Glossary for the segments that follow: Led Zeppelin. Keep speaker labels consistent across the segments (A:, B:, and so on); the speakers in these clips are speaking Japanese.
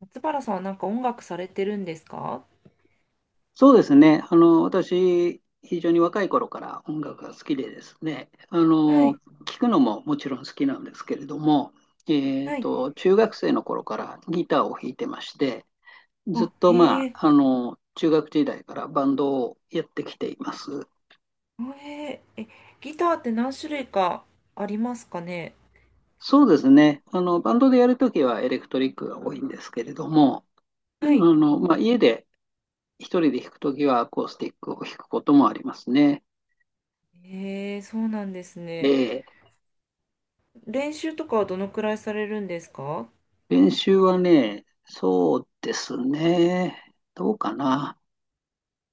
A: 松原さんはなんか音楽されてるんですか？
B: そうですね。私、非常に若い頃から音楽が好きでですね、
A: はい。
B: 聴くのももちろん好きなんですけれども、
A: はい。
B: 中学生の頃からギターを弾いてまして、ずっ
A: あ、
B: と、ま
A: へえ。
B: あ、中学時代からバンドをやってきています。
A: へえ。え、ギターって何種類かありますかね？
B: そうですね。バンドでやるときはエレクトリックが多いんですけれども、
A: はい。
B: まあ、家で一人で弾くときはアコースティックを弾くこともありますね。
A: へえ、そうなんですね。
B: ええ。
A: 練習とかはどのくらいされるんですか？
B: 練習はね、そうですね。どうかな。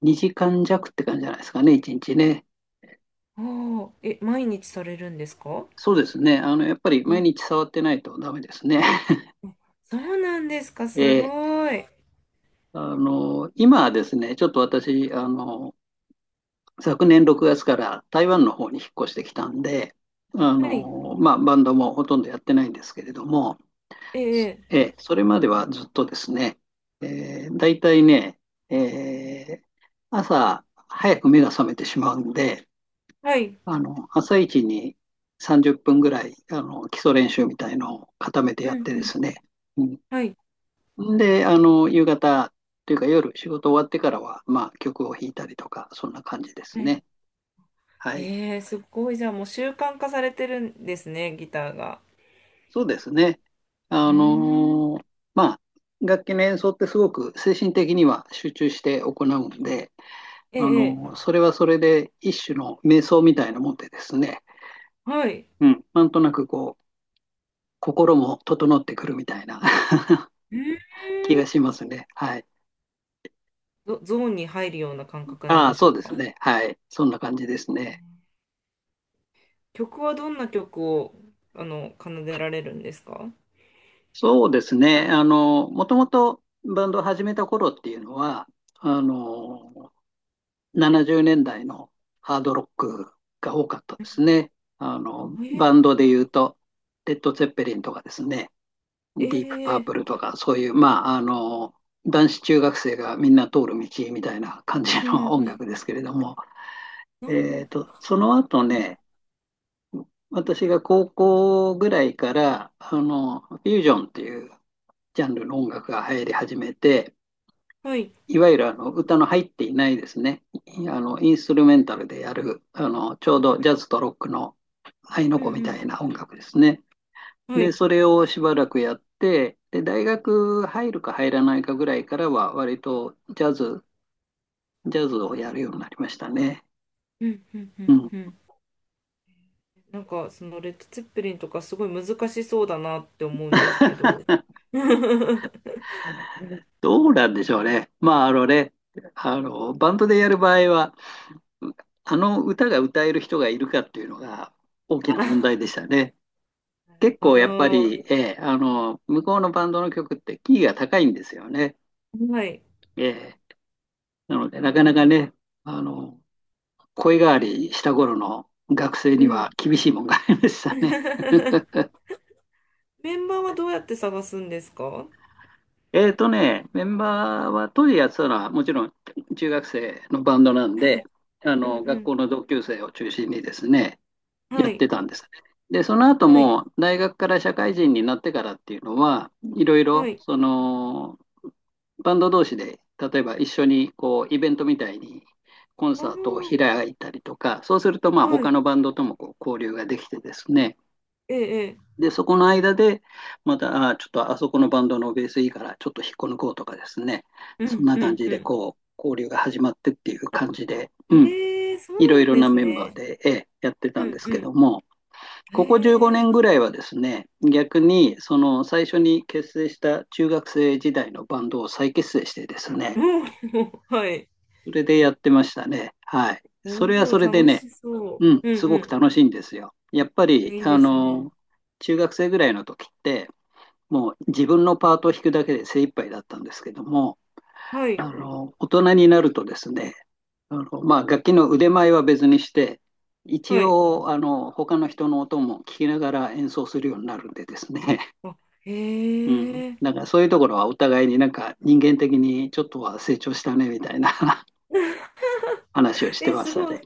B: 2時間弱って感じじゃないですかね、1日ね。
A: ああ、え、毎日されるんですか？
B: そうですね。やっぱり
A: う
B: 毎
A: ん、
B: 日触ってないとダメですね。
A: そうなんですか、す
B: ええ。
A: ごい。
B: 今はですね、ちょっと私、昨年6月から台湾の方に引っ越してきたんで、
A: はい。
B: まあ、バンドもほとんどやってないんですけれども、
A: ええ、
B: ええ、それまではずっとですね、大体ね、えー、朝早く目が覚めてしまうんで、
A: はい。
B: 朝一に30分ぐらい、基礎練習みたいのを固めて
A: う
B: やっ
A: ん
B: て
A: う
B: です
A: ん。
B: ね、
A: はい。
B: うん、で、夕方というか夜仕事終わってからは、まあ、曲を弾いたりとか、そんな感じで
A: う
B: す
A: ん。
B: ね。はい。
A: へえ、すごい。じゃあもう習慣化されてるんですね、ギターが。
B: そうですね。
A: う
B: あ
A: ーん。
B: のーまあ、楽器の演奏ってすごく精神的には集中して行うんで、
A: ええ、ええ。
B: それはそれで一種の瞑想みたいなもんでですね、
A: はい。
B: うん、なんとなくこう、心も整ってくるみたいな
A: うーん。
B: 気がしますね。はい。
A: ゾーンに入るような感覚なん
B: あ
A: で
B: あ、
A: しょ
B: そ
A: う
B: うです
A: か？
B: ね。はい。そんな感じですね。
A: 曲はどんな曲を奏でられるんですか？
B: そうですね。もともとバンドを始めた頃っていうのは、あの、70年代のハードロックが多かったですね。
A: え
B: バンド
A: ー、
B: で言うと、レッド・ツェッペリンとかですね。ディープ
A: え
B: パー
A: ー、
B: プルとか、そういう、まあ、男子中学生がみんな通る道みたいな感じ
A: うん
B: の音
A: うん、
B: 楽ですけれども、
A: なん、
B: その後ね、私が高校ぐらいから、フュージョンっていうジャンルの音楽が流行り始めて、
A: はい、
B: いわゆるあの歌の入っていないですね、あのインストゥルメンタルでやる、あのちょうどジャズとロックの合いの
A: う
B: 子み
A: ん
B: た
A: う
B: いな音楽ですね。
A: ん、は
B: で、
A: い、
B: それをしばらくやって、で、大学入るか入らないかぐらいからは、割とジャズ、ジャズをやるようになりましたね。
A: うんうんう
B: う
A: ん
B: ん。
A: うん。なんかそのレッド・ツェッペリンとかすごい難しそうだなって思うんですけど。
B: どうなんでしょうね。まあ、あのね、バンドでやる場合は、うあの歌が歌える人がいるかっていうのが大き
A: あ
B: な
A: な
B: 問題
A: る
B: でしたね。結
A: ほ
B: 構やっぱ
A: ど。
B: り、ええ、向こうのバンドの曲ってキーが高いんですよね。
A: はい、
B: ええ、なので、なかなかね、あの、声変わりした頃の学生
A: う
B: には
A: ん。
B: 厳しいもんがありましたね。
A: メンバーはどうやって探すんですか？は
B: メンバーは当時やってたのはもちろん中学生のバンドなんで、
A: い、
B: あ
A: うん
B: の
A: う
B: 学校
A: ん、
B: の同級生を中心にですね、
A: は
B: やって
A: い、
B: たんですね。で、その後
A: はい、
B: も大学から社会人になってからっていうのは、いろい
A: は
B: ろ
A: い。
B: そのバンド同士で、例えば一緒にこうイベントみたいにコン
A: あ
B: サートを
A: あ。
B: 開いたりとか、そうするとまあ
A: は
B: 他
A: い。
B: のバンドともこう交流ができてですね、
A: ええ、
B: で、そこの間で、また、ちょっとあそこのバンドのベースいいから、ちょっと引っこ抜こうとかですね、
A: ええ。う
B: そん
A: ん、
B: な
A: う
B: 感
A: ん、
B: じ
A: う
B: で、
A: ん。
B: こう、交流が始まってっていう感じで、うん、
A: ええ、そ
B: い
A: う
B: ろ
A: な
B: い
A: ん
B: ろ
A: で
B: な
A: す
B: メンバー
A: ね。
B: で、やって
A: う
B: たんで
A: ん、
B: す
A: う
B: け
A: ん。
B: ども、ここ15
A: え
B: 年ぐ
A: え。
B: らいはですね、逆に、その最初に結成した中学生時代のバンドを再結成してです
A: お
B: ね、
A: お、はい。
B: それでやってましたね。はい。それ
A: お
B: は
A: お、
B: それで
A: 楽
B: ね、
A: しそ
B: うん、
A: う。うん、
B: すごく
A: う
B: 楽しいんですよ。やっぱ
A: ん。
B: り、
A: いいですね。
B: 中学生ぐらいの時って、もう自分のパートを弾くだけで精一杯だったんですけども、
A: はい、
B: 大人になるとですね、まあ、楽器の腕前は別にして、一
A: はい。
B: 応他の人の音も聞きながら演奏するようになるんでですね、
A: あ、へ
B: うん、
A: え。
B: だからそういうところはお互いになんか人間的にちょっとは成長したねみたいな 話をして
A: え、
B: ま
A: す
B: した
A: ご
B: ね。
A: い。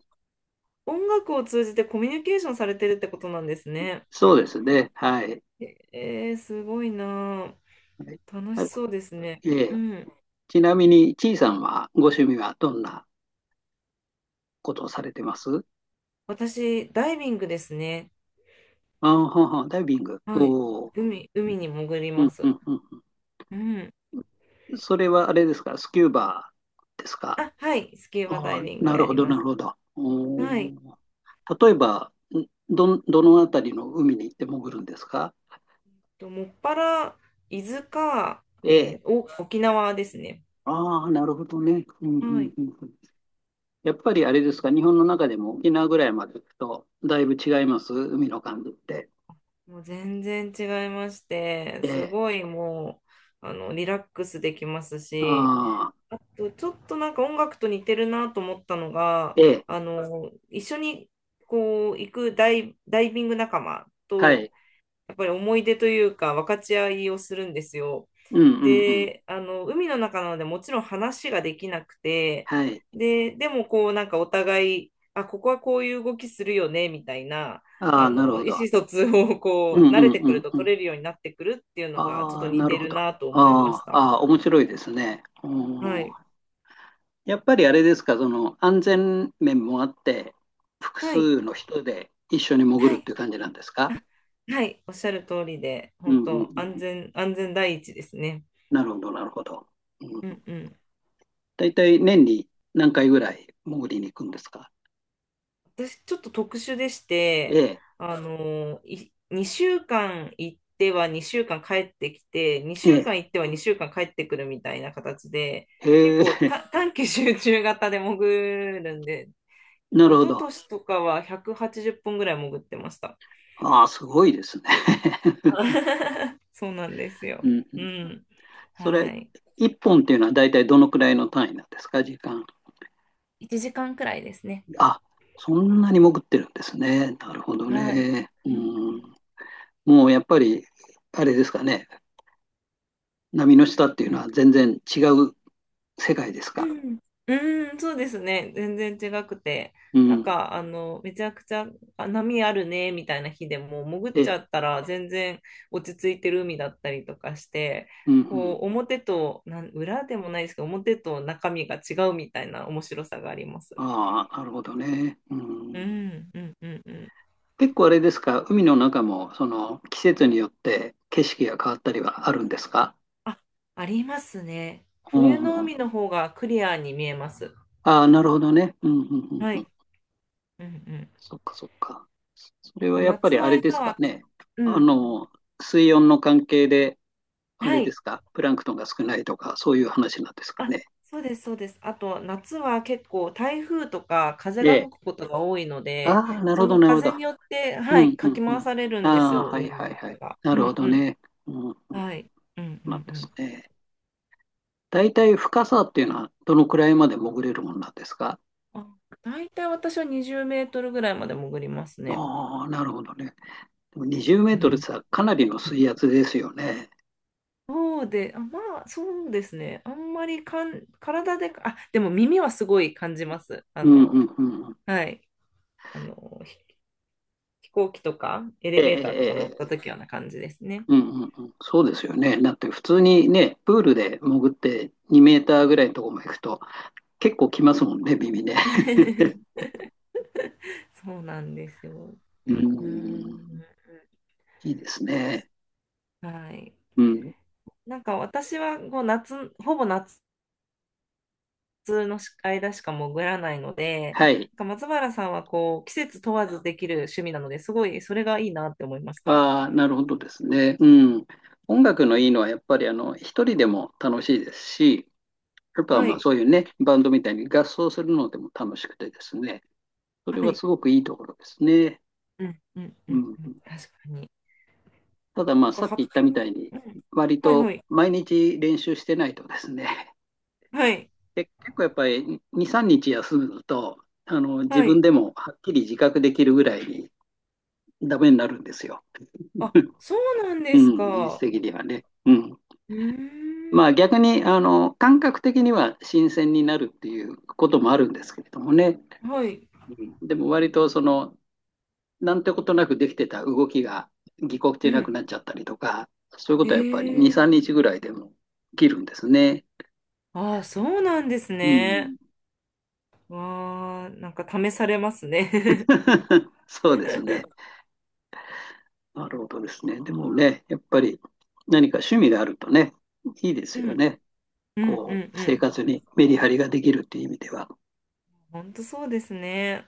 A: 音楽を通じてコミュニケーションされてるってことなんですね。
B: そうですね、はい。
A: えー、すごいなあ。楽し
B: は
A: そうですね。
B: い、え
A: う
B: え。
A: ん。
B: ちなみに、ちいさんはご趣味はどんなことをされてます？
A: 私、ダイビングですね。
B: あはは、ダイビング。
A: はい。
B: お。
A: 海に潜り
B: う
A: ま
B: んう
A: す。
B: んうんう
A: うん。
B: ん。それはあれですか、スキューバーですか。
A: あ、はい、スキューバダ
B: ああ、
A: イビングを
B: な
A: や
B: るほ
A: り
B: ど、
A: ま
B: なる
A: す。
B: ほど。お
A: はい。
B: ー。例えば、どのあたりの海に行って潜るんですか？
A: と、もっぱら、伊豆か、
B: ええ。
A: えーお、沖縄ですね。
B: ああ、なるほどね。うんう
A: は
B: ん
A: い。
B: うんうん。やっぱりあれですか、日本の中でも沖縄ぐらいまで行くと、だいぶ違います、海の感じって。
A: もう全然違いまして、
B: え
A: す
B: え。
A: ごいもう、あの、リラックスできますし、
B: ああ、
A: あと、ちょっとなんか音楽と似てるなと思ったのが、
B: ええ。
A: あの、一緒にこう、行くダイビング仲間
B: は
A: と、
B: い。
A: やっぱり思い出というか分かち合いをするんですよ。
B: うんうんうん。
A: で、あの、海の中なのでもちろん話ができなくて、
B: はい。
A: で、でもこうなんかお互い、あ、ここはこういう動きするよね、みたいな、
B: あ
A: あ
B: あ、なる
A: の、
B: ほ
A: 意
B: ど。
A: 思疎通を
B: う
A: こう
B: ん
A: 慣
B: う
A: れて
B: んう
A: くる
B: ん
A: と
B: うん。
A: 取れるようになってくるっていうのがちょっ
B: あ
A: と
B: あ、
A: 似
B: なる
A: て
B: ほ
A: る
B: ど。あ
A: なと思いまし
B: あ、
A: た。
B: ああ面白いですね。う
A: はい。
B: ん。やっぱりあれですか、その安全面もあって、複
A: はい。
B: 数の人で一緒に潜
A: は
B: るっ
A: い。
B: ていう感じなんですか？
A: はい。おっしゃる通りで、
B: うん
A: 本
B: うん
A: 当
B: うん。
A: 安全第一ですね。
B: なるほど、なるほど。う
A: う
B: ん、
A: んうん。
B: 大体年に何回ぐらい潜りに行くんですか？
A: 私ちょっと特殊でし
B: え
A: て、
B: え、
A: 2週間行っては2週間帰ってきて、2
B: え
A: 週
B: え、
A: 間行っては2週間帰ってくるみたいな形で、結
B: へ
A: 構
B: え、
A: 短期集中型で潜るんで、
B: な
A: 一
B: るほ
A: 昨
B: ど。
A: 年とかは180本ぐらい潜ってました。
B: ああ、すごいですね。
A: そうなんです よ。
B: うんう
A: う
B: ん、
A: ん。
B: そ
A: は
B: れ、
A: い。
B: 1本っていうのは大体どのくらいの単位なんですか、時間。
A: 1時間くらいですね。
B: あ、そんなに潜ってるんですね。なるほど
A: はい。
B: ね。う
A: うんう
B: ん。
A: ん
B: もうやっぱり、あれですかね。波の下っていうのは全然違う世界ですか。
A: うん、うん、そうですね。全然違くて。
B: う
A: なん
B: ん。
A: か、あの、めちゃくちゃ、あ、波あるね、みたいな日でも、潜っ
B: え
A: ちゃ
B: え。
A: ったら全然落ち着いてる海だったりとかして、
B: うんうん。
A: こう、表と、なん、裏でもないですけど、表と中身が違うみたいな面白さがあります。
B: ああ、なるほどね。う
A: う
B: ん。
A: ん、うん、うん、うん。
B: 結構あれですか。海の中も、その、季節によって景色が変わったりはあるんですか。
A: あ、ありますね。
B: うん
A: 冬
B: う
A: の
B: んうん。
A: 海の方がクリアに見えます。
B: ああ、なるほどね。うんうんうん
A: は
B: うん。
A: い。うん、うん。やっ
B: そっかそっか。それは
A: ぱ
B: やっぱ
A: 夏
B: り
A: の
B: あれで
A: 間
B: すか
A: は、
B: ね。
A: う
B: あ
A: ん、
B: の、水温の関係で、あ
A: は
B: れで
A: い。
B: すか、プランクトンが少ないとか、そういう話なんですか
A: あ、
B: ね。
A: そうです。あと、夏は結構台風とか風が
B: え
A: 吹く
B: え。
A: ことが多いので、
B: ああ、なる
A: そ
B: ほど、
A: の
B: なるほ
A: 風
B: ど。
A: によって、
B: う
A: はい、
B: ん、う
A: か
B: ん、
A: き
B: う
A: 回
B: ん。
A: されるんです
B: ああ、
A: よ、
B: は
A: 海
B: い、はい、はい。
A: が。
B: な
A: う
B: るほ
A: んう
B: ど
A: ん。
B: ね。うん、うん、そ
A: はい。うん
B: う
A: うん
B: な
A: う
B: んです
A: ん。
B: ね。大体深さっていうのは、どのくらいまで潜れるものなんですか？
A: あ、大体私は20メートルぐらいまで潜りますね。
B: ああ、なるほどね。でも20メー
A: う
B: トル
A: ん、
B: さ、かなりの水圧ですよね。
A: そうで、あ、まあ、そうですね。あんまりかん、体で、あ、でも耳はすごい感じます。あ
B: うん、う
A: の、
B: ん、うんうん。
A: はい。あの、ひ飛行機とかエレ
B: ええ、
A: ベ
B: え
A: ーターとか乗っ
B: え、え
A: た
B: え。
A: 時はな感じですね。
B: うんうんうん、そうですよね。だって普通にね、プールで潜って2メーターぐらいのところまで行くと結構来ますもんね、耳ね。
A: そうなんですよ。
B: う
A: う
B: ん、
A: ん。
B: いいですね。
A: はい。
B: うん。
A: なんか私はこう夏、ほぼ夏の間しか潜らないので、
B: はい。
A: なんか松原さんはこう季節問わずできる趣味なので、すごいそれがいいなって思いました。
B: ああ、なるほどですね。うん。音楽のいいのは、やっぱり、一人でも楽しいですし、やっぱ、
A: は
B: まあ、
A: い。
B: そういうね、バンドみたいに合奏するのでも楽しくてですね、それ
A: は
B: は
A: い。
B: すごくいいところですね。
A: うんうんう
B: う
A: ん
B: ん。
A: うん。確かに。
B: ただ、ま
A: なん
B: あ、
A: か
B: さっき言
A: 発
B: ったみた
A: 表
B: い
A: と、
B: に、
A: うん。
B: 割
A: はい
B: と
A: はい。
B: 毎日練習してないとですね、
A: はい。
B: で、結構やっぱり2、3日休むと、自
A: はい。
B: 分でもはっきり自覚できるぐらいにダメになるんですよ。
A: あ、そうなん
B: う
A: です
B: ん、技術
A: か。
B: 的にはね。うん。
A: うーん。
B: まあ逆に、感覚的には新鮮になるっていうこともあるんですけれどもね。
A: はい。
B: うん。でも割となんてことなくできてた動きがぎこ
A: う
B: ちなく
A: ん。
B: なっちゃったりとか、そういうことはやっぱり2、
A: ええ。
B: 3日ぐらいでも起きるんですね。
A: ああ、そうなんです
B: う
A: ね。
B: ん。
A: わあ、なんか試されますね。
B: そうですね。なるほどですね。でもね、やっぱり何か趣味があるとね、いいで す
A: う
B: よ
A: ん、
B: ね。
A: うん、う
B: こう、
A: ん、う
B: 生
A: ん。
B: 活にメリハリができるっていう意味では。
A: 本当そうですね。